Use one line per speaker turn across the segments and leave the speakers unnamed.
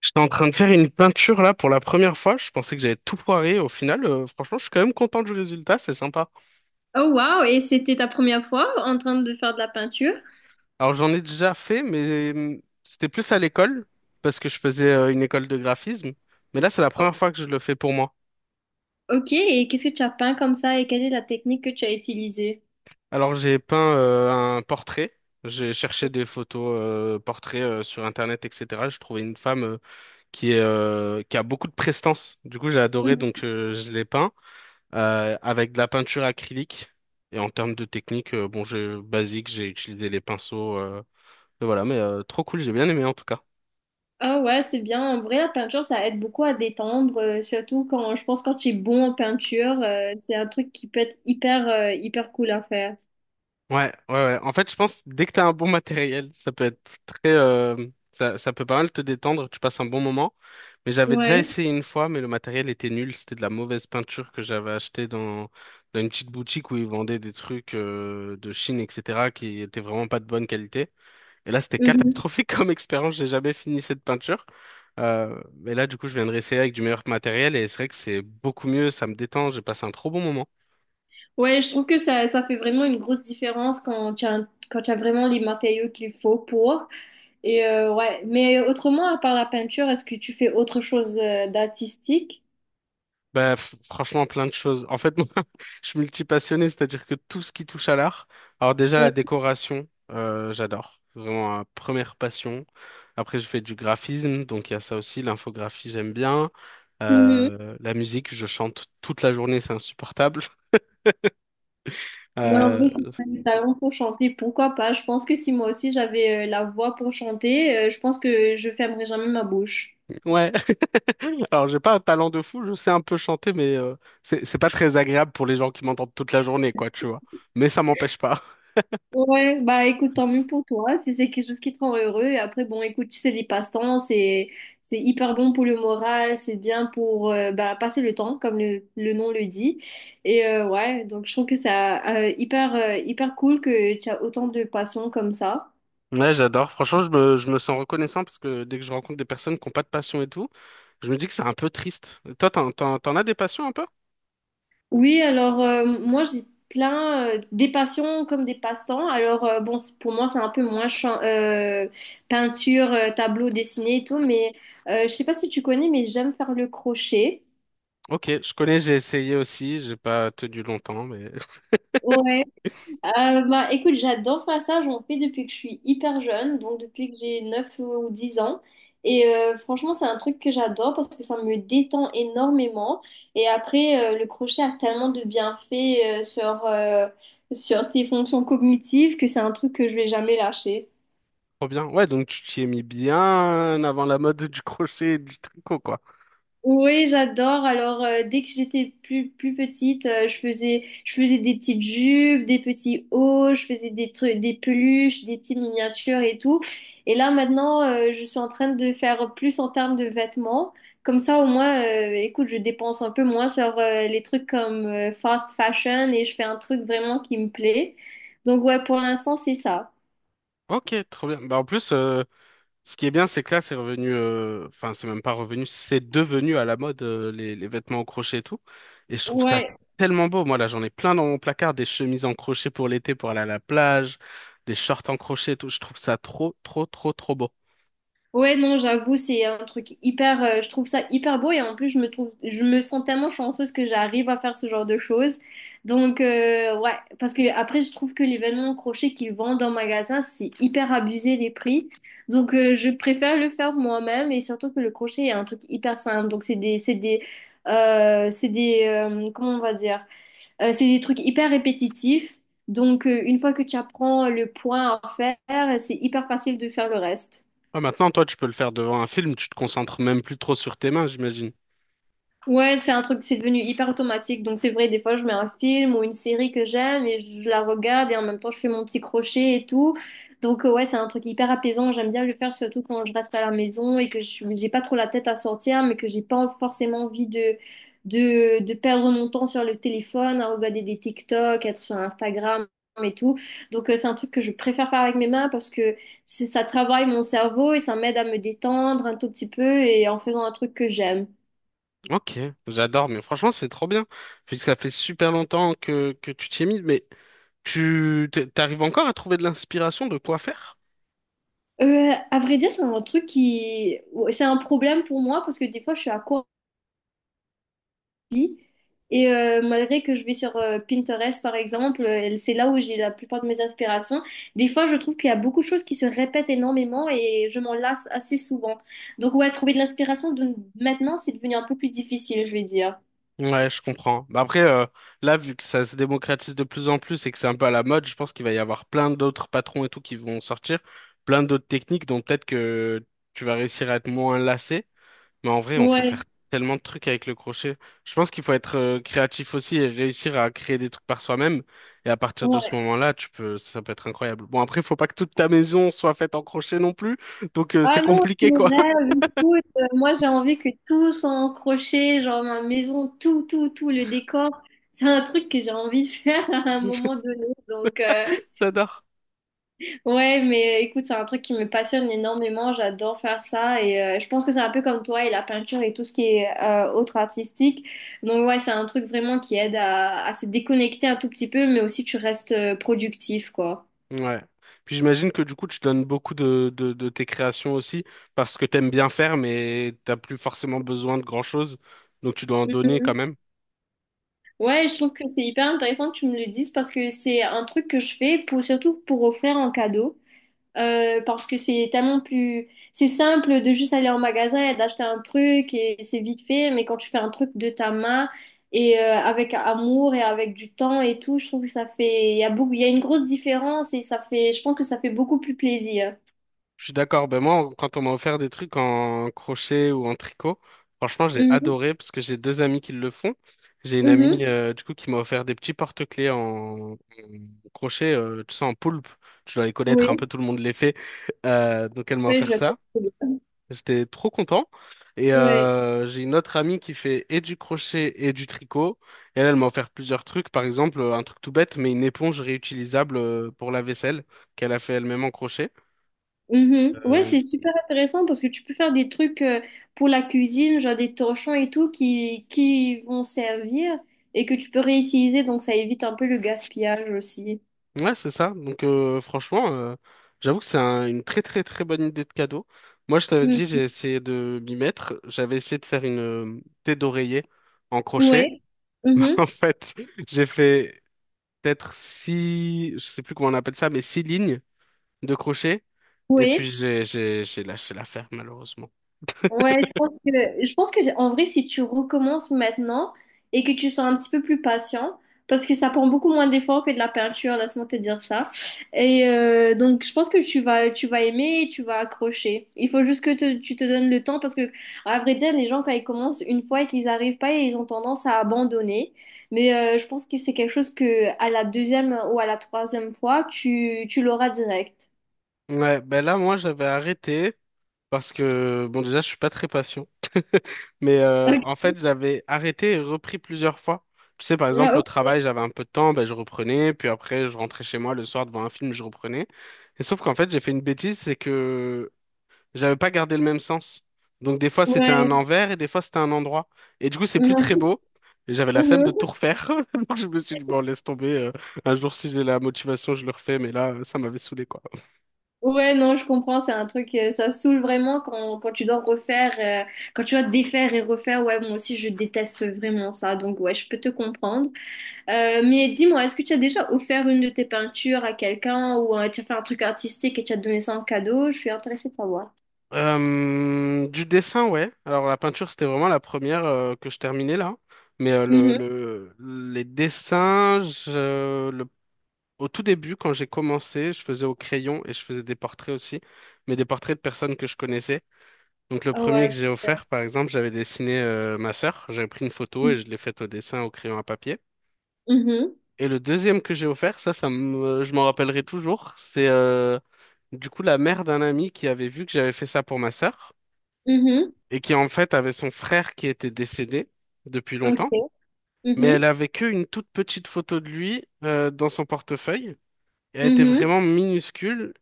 J'étais en train de faire une peinture là pour la première fois. Je pensais que j'avais tout foiré. Au final, franchement, je suis quand même content du résultat. C'est sympa.
Oh wow, et c'était ta première fois en train de faire de la peinture?
Alors, j'en ai déjà fait, mais c'était plus à l'école parce que je faisais une école de graphisme. Mais là, c'est la
O-
première fois que je le fais pour moi.
Ok, et qu'est-ce que tu as peint comme ça et quelle est la technique que tu as utilisée?
Alors, j'ai peint un portrait. J'ai cherché des photos portraits sur Internet, etc. Je trouvais une femme qui est, qui a beaucoup de prestance. Du coup, j'ai adoré,
Mhm.
donc je l'ai peint, avec de la peinture acrylique. Et en termes de technique, bon, j'ai basique, j'ai utilisé les pinceaux, et voilà, mais trop cool, j'ai bien aimé en tout cas.
Ah ouais, c'est bien. En vrai, la peinture, ça aide beaucoup à détendre, surtout quand je pense quand tu es bon en peinture, c'est un truc qui peut être hyper, hyper cool à faire.
Ouais, ouais, ouais. En fait, je pense dès que t'as un bon matériel, ça peut être très, ça peut pas mal te détendre. Tu passes un bon moment. Mais j'avais déjà
Ouais.
essayé une fois, mais le matériel était nul. C'était de la mauvaise peinture que j'avais achetée dans une petite boutique où ils vendaient des trucs de Chine, etc., qui étaient vraiment pas de bonne qualité. Et là, c'était
Mhm.
catastrophique comme expérience. J'ai jamais fini cette peinture. Mais là, du coup, je viens de réessayer avec du meilleur matériel et c'est vrai que c'est beaucoup mieux. Ça me détend. J'ai passé un trop bon moment.
Ouais, je trouve que ça fait vraiment une grosse différence quand tu as, quand tu as vraiment les matériaux qu'il faut pour. Et ouais, mais autrement, à part la peinture, est-ce que tu fais autre chose, d'artistique?
Bah, franchement, plein de choses. En fait, moi, je suis multipassionné, c'est-à-dire que tout ce qui touche à l'art. Alors déjà, la décoration, j'adore. Vraiment, ma première passion. Après, je fais du graphisme, donc il y a ça aussi. L'infographie, j'aime bien.
Mhm.
La musique, je chante toute la journée, c'est insupportable.
Mais en
Euh,
vrai, si tu as du talent pour chanter, pourquoi pas? Je pense que si moi aussi j'avais la voix pour chanter, je pense que je fermerais jamais ma bouche.
Ouais. Alors, j'ai pas un talent de fou, je sais un peu chanter, mais c'est pas très agréable pour les gens qui m'entendent toute la journée, quoi, tu vois. Mais ça m'empêche pas.
Ouais, bah écoute, tant mieux pour toi, si c'est quelque chose qui te rend heureux. Et après, bon, écoute, tu sais, les passe-temps, c'est hyper bon pour le moral, c'est bien pour bah, passer le temps, comme le nom le dit. Et ouais, donc je trouve que c'est hyper, hyper cool que tu as autant de passions comme ça.
Ouais, j'adore. Franchement, je me sens reconnaissant parce que dès que je rencontre des personnes qui n'ont pas de passion et tout, je me dis que c'est un peu triste. Toi, t'en as des passions un peu?
Oui, alors moi j'ai plein des passions comme des passe-temps. Alors bon, pour moi c'est un peu moins peinture, tableau dessiné et tout, mais je sais pas si tu connais, mais j'aime faire le crochet.
Ok, je connais, j'ai essayé aussi, j'ai pas tenu longtemps, mais
Ouais. Bah, écoute, j'adore faire ça. J'en fais depuis que je suis hyper jeune, donc depuis que j'ai 9 ou 10 ans. Et franchement, c'est un truc que j'adore parce que ça me détend énormément. Et après, le crochet a tellement de bienfaits sur, sur tes fonctions cognitives que c'est un truc que je vais jamais lâcher.
trop bien. Ouais, donc tu t'y es mis bien avant la mode du crochet et du tricot, quoi.
Oui, j'adore. Alors, dès que j'étais plus petite, je faisais des petites jupes, des petits hauts, je faisais des trucs, des peluches, des petites miniatures et tout. Et là, maintenant, je suis en train de faire plus en termes de vêtements. Comme ça, au moins, écoute, je dépense un peu moins sur les trucs comme fast fashion et je fais un truc vraiment qui me plaît. Donc, ouais, pour l'instant, c'est ça.
Ok, trop bien. Bah, en plus, ce qui est bien, c'est que là, c'est revenu, enfin, c'est même pas revenu, c'est devenu à la mode, les vêtements en crochet et tout. Et je trouve ça
Ouais.
tellement beau. Moi, là, j'en ai plein dans mon placard, des chemises en crochet pour l'été, pour aller à la plage, des shorts en crochet et tout. Je trouve ça trop, trop, trop, trop beau.
Ouais, non, j'avoue, c'est un truc hyper, je trouve ça hyper beau et en plus, je me trouve, je me sens tellement chanceuse que j'arrive à faire ce genre de choses. Donc, ouais, parce que après, je trouve que les vêtements crochés qu'ils vendent en magasin, c'est hyper abusé les prix. Donc, je préfère le faire moi-même et surtout que le crochet est un truc hyper simple. Donc, comment on va dire, euh, c'est des trucs hyper répétitifs. Donc, une fois que tu apprends le point à faire, c'est hyper facile de faire le reste.
Ouais, maintenant, toi, tu peux le faire devant un film, tu te concentres même plus trop sur tes mains, j'imagine.
Ouais, c'est un truc, c'est devenu hyper automatique. Donc c'est vrai, des fois je mets un film ou une série que j'aime et je la regarde et en même temps je fais mon petit crochet et tout. Donc ouais, c'est un truc hyper apaisant. J'aime bien le faire surtout quand je reste à la maison et que j'ai pas trop la tête à sortir, mais que j'ai pas forcément envie de, de perdre mon temps sur le téléphone, à regarder des TikTok, être sur Instagram et tout. Donc c'est un truc que je préfère faire avec mes mains parce que ça travaille mon cerveau et ça m'aide à me détendre un tout petit peu et en faisant un truc que j'aime.
Ok, j'adore, mais franchement, c'est trop bien. Puis que ça fait super longtemps que tu t'y es mis, mais t'arrives encore à trouver de l'inspiration de quoi faire?
À vrai dire, c'est un truc qui... ouais, c'est un problème pour moi parce que des fois, je suis à court d'envie. Et malgré que je vais sur Pinterest, par exemple, c'est là où j'ai la plupart de mes inspirations. Des fois, je trouve qu'il y a beaucoup de choses qui se répètent énormément et je m'en lasse assez souvent. Donc, ouais, trouver de l'inspiration de... maintenant, c'est devenu un peu plus difficile, je vais dire.
Ouais, je comprends. Bah après, là, vu que ça se démocratise de plus en plus et que c'est un peu à la mode, je pense qu'il va y avoir plein d'autres patrons et tout qui vont sortir, plein d'autres techniques dont peut-être que tu vas réussir à être moins lassé. Mais en vrai, on peut faire
Ouais,
tellement de trucs avec le crochet. Je pense qu'il faut être créatif aussi et réussir à créer des trucs par soi-même. Et à partir de ce
ouais.
moment-là, tu peux, ça peut être incroyable. Bon, après, il faut pas que toute ta maison soit faite en crochet non plus, donc
Ah
c'est
non,
compliqué,
mon
quoi.
rêve, écoute, moi j'ai envie que tout soit en crochet, genre ma maison, tout, tout, tout, le décor. C'est un truc que j'ai envie de faire à un moment donné. Donc,
J'adore.
ouais, mais écoute, c'est un truc qui me passionne énormément. J'adore faire ça. Et je pense que c'est un peu comme toi et la peinture et tout ce qui est autre artistique. Donc, ouais, c'est un truc vraiment qui aide à se déconnecter un tout petit peu, mais aussi tu restes productif, quoi.
Ouais. Puis j'imagine que du coup, tu donnes beaucoup de tes créations aussi parce que t'aimes bien faire, mais t'as plus forcément besoin de grand-chose. Donc tu dois en donner quand
Mhm.
même.
Ouais, je trouve que c'est hyper intéressant que tu me le dises parce que c'est un truc que je fais pour, surtout pour offrir en cadeau. Parce que c'est tellement plus... C'est simple de juste aller en magasin et d'acheter un truc et c'est vite fait, mais quand tu fais un truc de ta main et avec amour et avec du temps et tout, je trouve que ça fait... Il y a beaucoup... Il y a une grosse différence et ça fait... Je pense que ça fait beaucoup plus plaisir.
Je suis d'accord. Ben moi, quand on m'a offert des trucs en crochet ou en tricot, franchement, j'ai
Mhm,
adoré parce que j'ai deux amis qui le font. J'ai une
mhm.
amie du coup qui m'a offert des petits porte-clés en crochet, tu sais, en poulpe. Tu dois les connaître, un peu
Oui,
tout le monde les fait. Donc elle m'a
oui,
offert ça. J'étais trop content. Et
Ouais.
j'ai une autre amie qui fait et du crochet et du tricot. Et elle, elle m'a offert plusieurs trucs. Par exemple, un truc tout bête, mais une éponge réutilisable pour la vaisselle qu'elle a fait elle-même en crochet.
Mhm. Ouais,
Euh,
c'est super intéressant parce que tu peux faire des trucs pour la cuisine, genre des torchons et tout qui vont servir et que tu peux réutiliser, donc ça évite un peu le gaspillage aussi.
ouais, c'est ça. Donc franchement, j'avoue que une très très très bonne idée de cadeau. Moi, je t'avais
Mm.
dit, j'ai essayé de m'y mettre. J'avais essayé de faire une tête d'oreiller en crochet.
Ouais. Mhm.
En fait, j'ai fait peut-être six, je sais plus comment on appelle ça, mais six lignes de crochet. Et
Ouais.
puis j'ai lâché l'affaire malheureusement.
Ouais, je pense que en vrai, si tu recommences maintenant et que tu sois un petit peu plus patient, parce que ça prend beaucoup moins d'efforts que de la peinture, laisse-moi te dire ça. Et donc, je pense que tu vas aimer et tu vas accrocher. Il faut juste que tu te donnes le temps parce que, à vrai dire, les gens, quand ils commencent une fois et qu'ils n'arrivent pas, ils ont tendance à abandonner. Mais je pense que c'est quelque chose que, à la deuxième ou à la troisième fois, tu l'auras direct.
Ouais, ben là moi j'avais arrêté parce que bon déjà je suis pas très patient, mais en
Ok.
fait j'avais arrêté et repris plusieurs fois. Tu sais par
Ah,
exemple au
ok.
travail j'avais un peu de temps, ben je reprenais, puis après je rentrais chez moi le soir devant un film je reprenais. Et sauf qu'en fait j'ai fait une bêtise, c'est que j'avais pas gardé le même sens. Donc des fois c'était un
Ouais.
envers et des fois c'était un endroit. Et du coup c'est plus très
Ouais.
beau. Et j'avais la flemme de
Mhm.
tout refaire. Donc je me suis dit, bon, laisse tomber. Un jour si j'ai la motivation, je le refais. Mais là, ça m'avait saoulé, quoi.
Ouais, non, je comprends, c'est un truc, ça saoule vraiment quand, quand tu dois refaire, quand tu dois défaire et refaire. Ouais, moi aussi, je déteste vraiment ça, donc ouais, je peux te comprendre. Mais dis-moi, est-ce que tu as déjà offert une de tes peintures à quelqu'un ou tu as fait un truc artistique et tu as donné ça en cadeau? Je suis intéressée de savoir.
Du dessin, ouais. Alors la peinture, c'était vraiment la première que je terminais là. Mais
Mhm.
les dessins, au tout début, quand j'ai commencé, je faisais au crayon et je faisais des portraits aussi, mais des portraits de personnes que je connaissais. Donc le
Ah,
premier que
ouais.
j'ai offert, par exemple, j'avais dessiné ma sœur, j'avais pris une photo et je l'ai faite au dessin au crayon à papier.
Mhm.
Et le deuxième que j'ai offert, je m'en rappellerai toujours, c'est du coup la mère d'un ami qui avait vu que j'avais fait ça pour ma sœur
Mhm.
et qui en fait avait son frère qui était décédé depuis longtemps,
Ok.
mais elle
Mhm.
avait que une toute petite photo de lui dans son portefeuille. Et elle était
Mhm.
vraiment minuscule.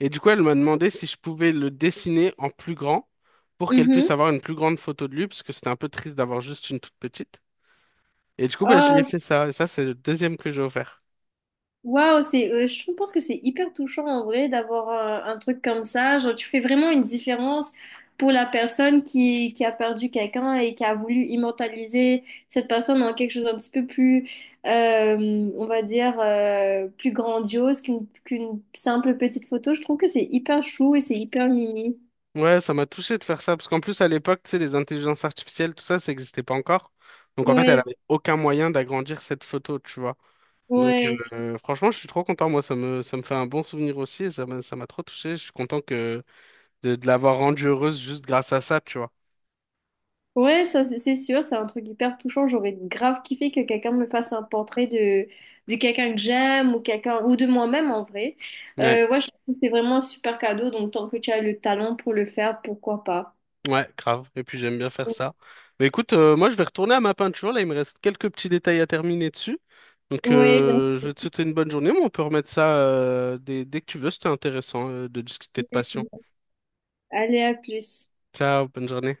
Et du coup, elle m'a demandé si je pouvais le dessiner en plus grand pour qu'elle puisse avoir une plus grande photo de lui, parce que c'était un peu triste d'avoir juste une toute petite. Et du coup, bah, je lui ai
Mhm.
fait ça. Et ça, c'est le deuxième que j'ai offert.
Waouh, c'est, je pense que c'est hyper touchant en vrai d'avoir un truc comme ça. Genre, tu fais vraiment une différence pour la personne qui a perdu quelqu'un et qui a voulu immortaliser cette personne en quelque chose un petit peu plus, on va dire, plus grandiose qu'une qu'une simple petite photo. Je trouve que c'est hyper chou et c'est hyper mimi.
Ouais, ça m'a touché de faire ça, parce qu'en plus, à l'époque, tu sais, les intelligences artificielles, tout ça, ça n'existait pas encore. Donc, en fait, elle
Ouais,
avait aucun moyen d'agrandir cette photo, tu vois. Donc,
ouais.
franchement, je suis trop content. Moi, ça me fait un bon souvenir aussi, et ça m'a trop touché. Je suis content que de l'avoir rendue heureuse juste grâce à ça, tu vois.
Ouais, ça c'est sûr, c'est un truc hyper touchant. J'aurais grave kiffé que quelqu'un me fasse un portrait de quelqu'un que j'aime ou quelqu'un ou de moi-même en vrai.
Ouais.
Ouais, je trouve que c'est vraiment un super cadeau, donc tant que tu as le talent pour le faire, pourquoi pas.
Ouais, grave. Et puis j'aime bien faire ça. Mais écoute, moi je vais retourner à ma peinture. Là, il me reste quelques petits détails à terminer dessus. Donc
Ouais,
je vais te souhaiter une bonne journée, mais on peut remettre ça dès que tu veux. C'était intéressant de discuter de passion.
allez, à plus.
Ciao, bonne journée.